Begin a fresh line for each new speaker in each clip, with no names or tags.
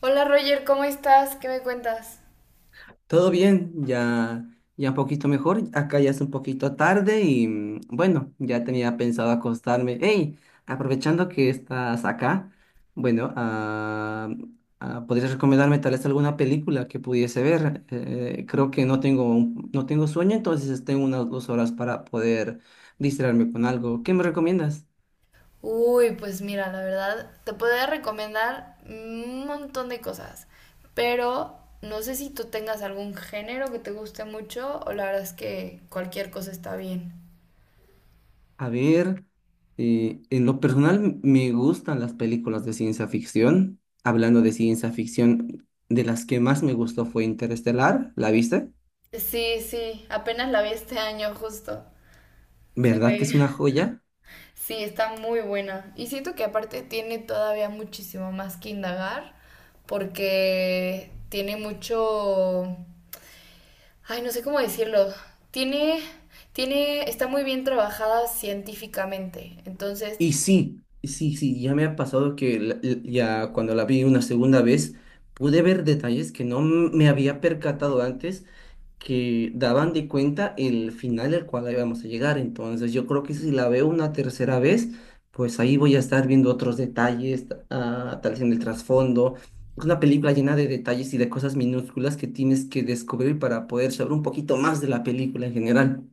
Hola Roger, ¿cómo estás? ¿Qué me cuentas?
Todo bien, ya, ya un poquito mejor. Acá ya es un poquito tarde y bueno, ya tenía pensado acostarme. Hey, aprovechando que estás acá, bueno, ¿podrías recomendarme tal vez alguna película que pudiese ver? Creo que no tengo, no tengo sueño, entonces tengo unas 2 horas para poder distraerme con algo. ¿Qué me recomiendas?
Uy, pues mira, la verdad, te podría recomendar un montón de cosas, pero no sé si tú tengas algún género que te guste mucho o la verdad es que cualquier cosa está bien.
A ver, en lo personal me gustan las películas de ciencia ficción. Hablando de ciencia ficción, de las que más me gustó fue Interestelar, ¿la viste?
Sí, sí, apenas la vi este año justo. Se
¿Verdad que
ve.
es una joya?
Sí, está muy buena. Y siento que aparte tiene todavía muchísimo más que indagar porque tiene mucho. Ay, no sé cómo decirlo. Tiene, está muy bien trabajada científicamente. Entonces,
Y sí, sí, sí, ya me ha pasado que ya cuando la vi una segunda vez pude ver detalles que no me había percatado antes que daban de cuenta el final al cual íbamos a llegar. Entonces, yo creo que si la veo una tercera vez, pues ahí voy a estar viendo otros detalles, tal vez en el trasfondo. Es una película llena de detalles y de cosas minúsculas que tienes que descubrir para poder saber un poquito más de la película en general.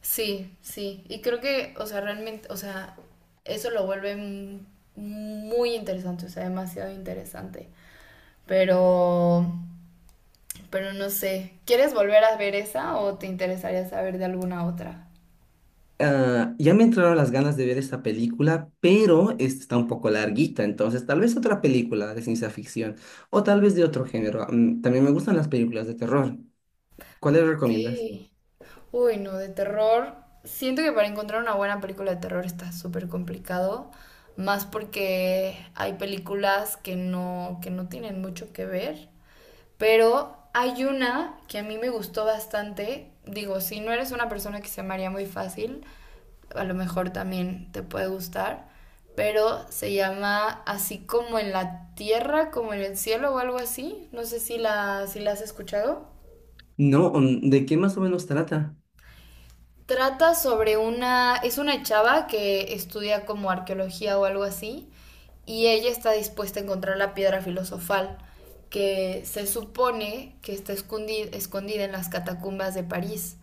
sí, sí. Y creo que, o sea, realmente, o sea, eso lo vuelve muy interesante, o sea, demasiado interesante. Pero, no sé. ¿Quieres volver a ver esa o te interesaría saber de alguna otra?
Ah, ya me entraron las ganas de ver esta película, pero esta está un poco larguita, entonces tal vez otra película de ciencia ficción o tal vez de otro género. También me gustan las películas de terror. ¿Cuáles recomiendas?
Ok. Uy, no, de terror. Siento que para encontrar una buena película de terror está súper complicado, más porque hay películas que no tienen mucho que ver, pero hay una que a mí me gustó bastante. Digo, si no eres una persona que se maría muy fácil, a lo mejor también te puede gustar, pero se llama Así como en la tierra, como en el cielo o algo así. No sé si la has escuchado.
No, ¿de qué más o menos trata?
Trata sobre una, es una chava que estudia como arqueología o algo así, y ella está dispuesta a encontrar la piedra filosofal que se supone que está escondida en las catacumbas de París.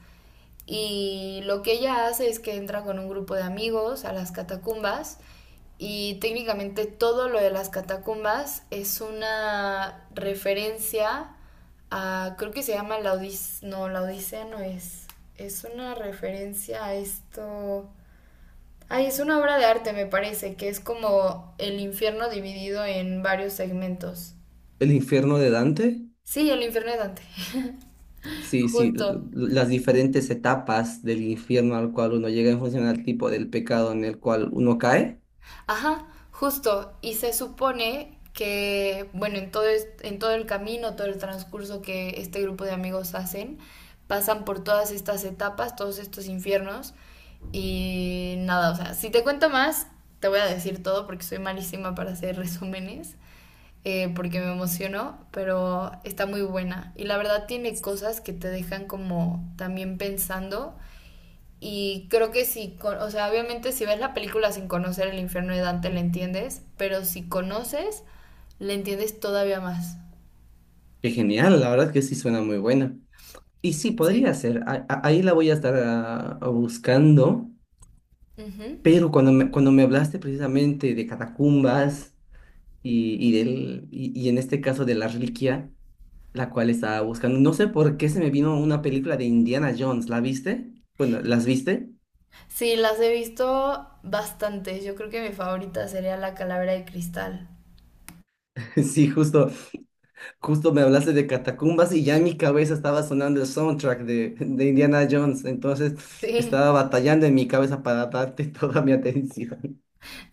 Y lo que ella hace es que entra con un grupo de amigos a las catacumbas y técnicamente todo lo de las catacumbas es una referencia a, creo que se llama la Odisea no es, es una referencia a esto. Ay, es una obra de arte, me parece, que es como el infierno dividido en varios segmentos.
¿El infierno de Dante?
Sí, el infierno de Dante,
Sí, sí,
justo.
las diferentes etapas del infierno al cual uno llega en función al tipo del pecado en el cual uno cae.
Ajá, justo. Y se supone que, bueno, en todo, en todo el camino, todo el transcurso que este grupo de amigos hacen, pasan por todas estas etapas, todos estos infiernos. Y nada, o sea, si te cuento más, te voy a decir todo porque soy malísima para hacer resúmenes, porque me emociono, pero está muy buena. Y la verdad tiene cosas que te dejan como también pensando y creo que si, o sea, obviamente si ves la película sin conocer el infierno de Dante, le entiendes, pero si conoces, le entiendes todavía más.
Qué genial, la verdad es que sí suena muy buena. Y sí,
Sí.
podría ser, ahí la voy a estar buscando,
Ujú.
pero cuando me hablaste precisamente de catacumbas y en este caso de la reliquia, la cual estaba buscando, no sé por qué se me vino una película de Indiana Jones, ¿la viste? Bueno, ¿las viste?
Sí, las he visto bastantes. Yo creo que mi favorita sería La Calavera de Cristal.
Sí, justo, justo me hablaste de catacumbas y ya en mi cabeza estaba sonando el soundtrack de Indiana Jones, entonces
Sí.
estaba batallando en mi cabeza para darte toda mi atención.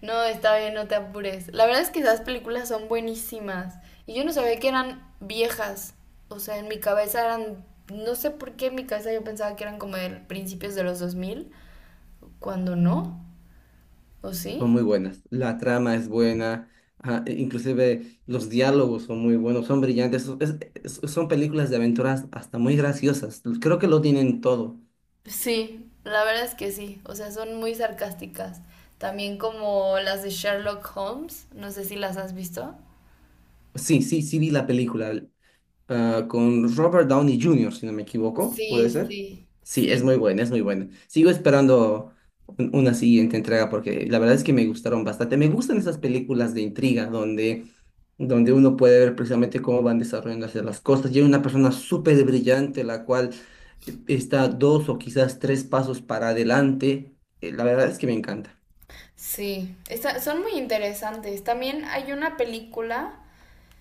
No, está bien, no te apures. La verdad es que esas películas son buenísimas. Y yo no sabía que eran viejas. O sea, en mi cabeza eran... No sé por qué en mi cabeza yo pensaba que eran como de principios de los 2000 cuando no, ¿o
Son
sí?
muy buenas, la trama es buena, inclusive los diálogos son muy buenos, son brillantes, son películas de aventuras hasta muy graciosas, creo que lo tienen todo.
Sí, la verdad es que sí, o sea, son muy sarcásticas. También como las de Sherlock Holmes, no sé si las has visto.
Sí, sí, sí vi la película, con Robert Downey Jr., si no me equivoco, ¿puede
Sí,
ser?
sí,
Sí, es
sí,
muy buena, es muy buena. Sigo esperando una siguiente entrega porque la verdad es que me gustaron bastante. Me gustan esas películas de intriga donde uno puede ver precisamente cómo van desarrollándose las cosas. Y hay una persona súper brillante la cual está dos o quizás tres pasos para adelante. La verdad es que me encanta.
sí. Son muy interesantes. También hay una película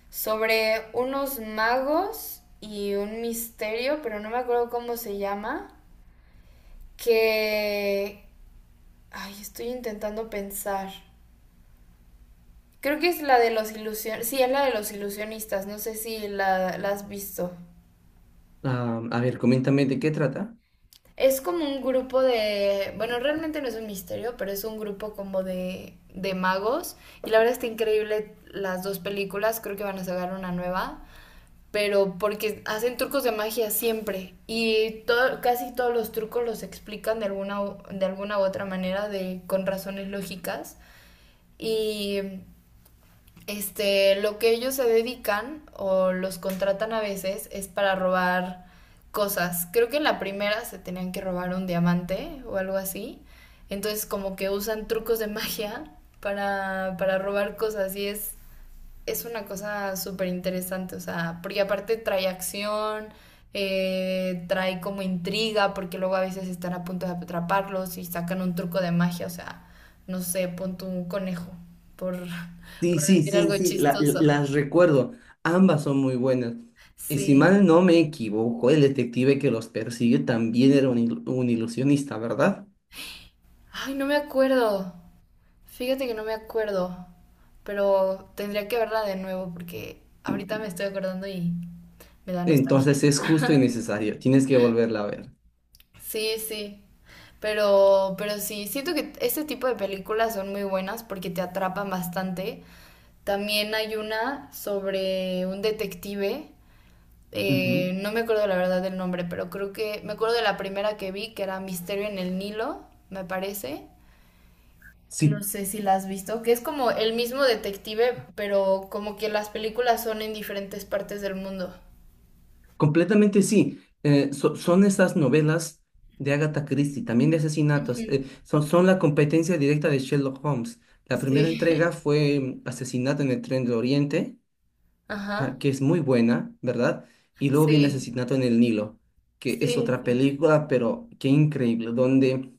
sobre unos magos y un misterio, pero no me acuerdo cómo se llama, que... Ay, estoy intentando pensar. Creo que es la de los ilusionistas. Sí, es la de los ilusionistas. No sé si la, la has visto.
Ah, a ver, coméntame de qué trata.
Es como un grupo de, bueno, realmente no es un misterio, pero es un grupo como de, magos. Y la verdad está increíble las dos películas, creo que van a sacar una nueva, pero porque hacen trucos de magia siempre. Y todo, casi todos los trucos los explican de alguna u otra manera, de, con razones lógicas. Y este, lo que ellos se dedican o los contratan a veces es para robar cosas. Creo que en la primera se tenían que robar un diamante o algo así. Entonces como que usan trucos de magia para robar cosas y es una cosa súper interesante, o sea, porque aparte trae acción, trae como intriga, porque luego a veces están a punto de atraparlos y sacan un truco de magia, o sea, no sé, pon tu un conejo, por,
Sí,
por
sí,
decir
sí,
algo
sí,
chistoso.
las recuerdo. Ambas son muy buenas. Y si
Sí.
mal no me equivoco, el detective que los persigue también era un ilusionista, ¿verdad?
Ay, no me acuerdo. Fíjate que no me acuerdo, pero tendría que verla de nuevo porque ahorita me estoy acordando y me da nostalgia.
Entonces es justo y necesario. Tienes que volverla a ver.
Sí, sí. Pero, sí, siento que este tipo de películas son muy buenas porque te atrapan bastante. También hay una sobre un detective,
Ujú.
no me acuerdo la verdad del nombre, pero creo que me acuerdo de la primera que vi, que era Misterio en el Nilo, me parece. No
Sí,
sé si la has visto, que es como el mismo detective, pero como que las películas son en diferentes partes del mundo.
completamente sí. Son esas novelas de Agatha Christie, también de
Ujú.
asesinatos. Son la competencia directa de Sherlock Holmes. La primera
Sí.
entrega fue Asesinato en el Tren de Oriente.
Ajá.
Que es muy buena, ¿verdad? Y luego viene
Sí,
Asesinato en el Nilo, que es
sí,
otra
sí.
película, pero qué increíble, donde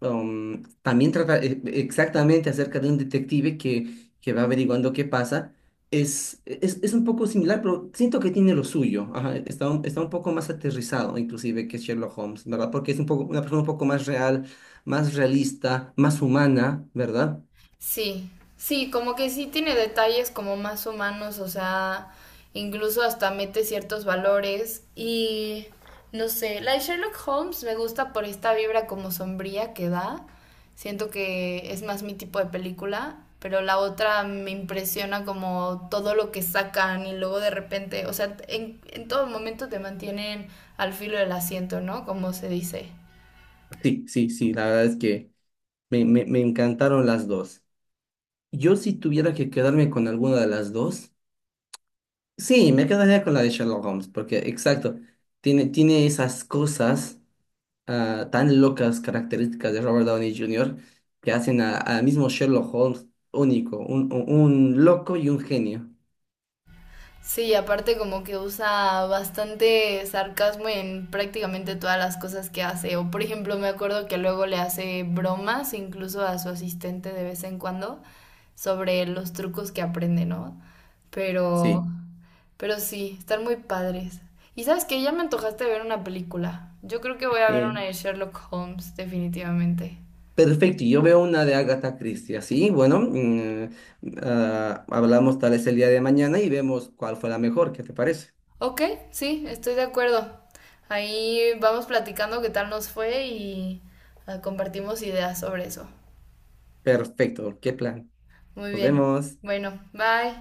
también trata exactamente acerca de un detective que va averiguando qué pasa. Es un poco similar, pero siento que tiene lo suyo. Ajá, está un poco más aterrizado, inclusive, que Sherlock Holmes, ¿verdad? Porque es un poco, una persona un poco más real, más realista, más humana, ¿verdad?
Sí, sí, como que sí tiene detalles como más humanos, o sea, incluso hasta mete ciertos valores y no sé, la de Sherlock Holmes me gusta por esta vibra como sombría que da, siento que es más mi tipo de película, pero la otra me impresiona como todo lo que sacan y luego de repente, o sea, en todo momento te mantienen al filo del asiento, ¿no? Como se dice.
Sí, sí, sí, la verdad es que me encantaron las dos. Yo si tuviera que quedarme con alguna de las dos, sí, me quedaría con la de Sherlock Holmes, porque exacto, tiene esas cosas tan locas características de Robert Downey Jr. que hacen al mismo Sherlock Holmes único, un loco y un genio.
Sí, aparte como que usa bastante sarcasmo en prácticamente todas las cosas que hace. O por ejemplo, me acuerdo que luego le hace bromas incluso a su asistente de vez en cuando sobre los trucos que aprende, ¿no? Pero,
Sí,
sí, están muy padres. Y sabes que ya me antojaste ver una película. Yo creo que voy a ver
eh,
una de Sherlock Holmes, definitivamente.
perfecto. Y yo veo una de Agatha Christie, así, bueno, hablamos tal vez el día de mañana y vemos cuál fue la mejor, ¿qué te parece?
Ok, sí, estoy de acuerdo. Ahí vamos platicando qué tal nos fue y ah, compartimos ideas sobre eso.
Perfecto, qué plan.
Muy
Nos
bien.
vemos.
Bueno, bye.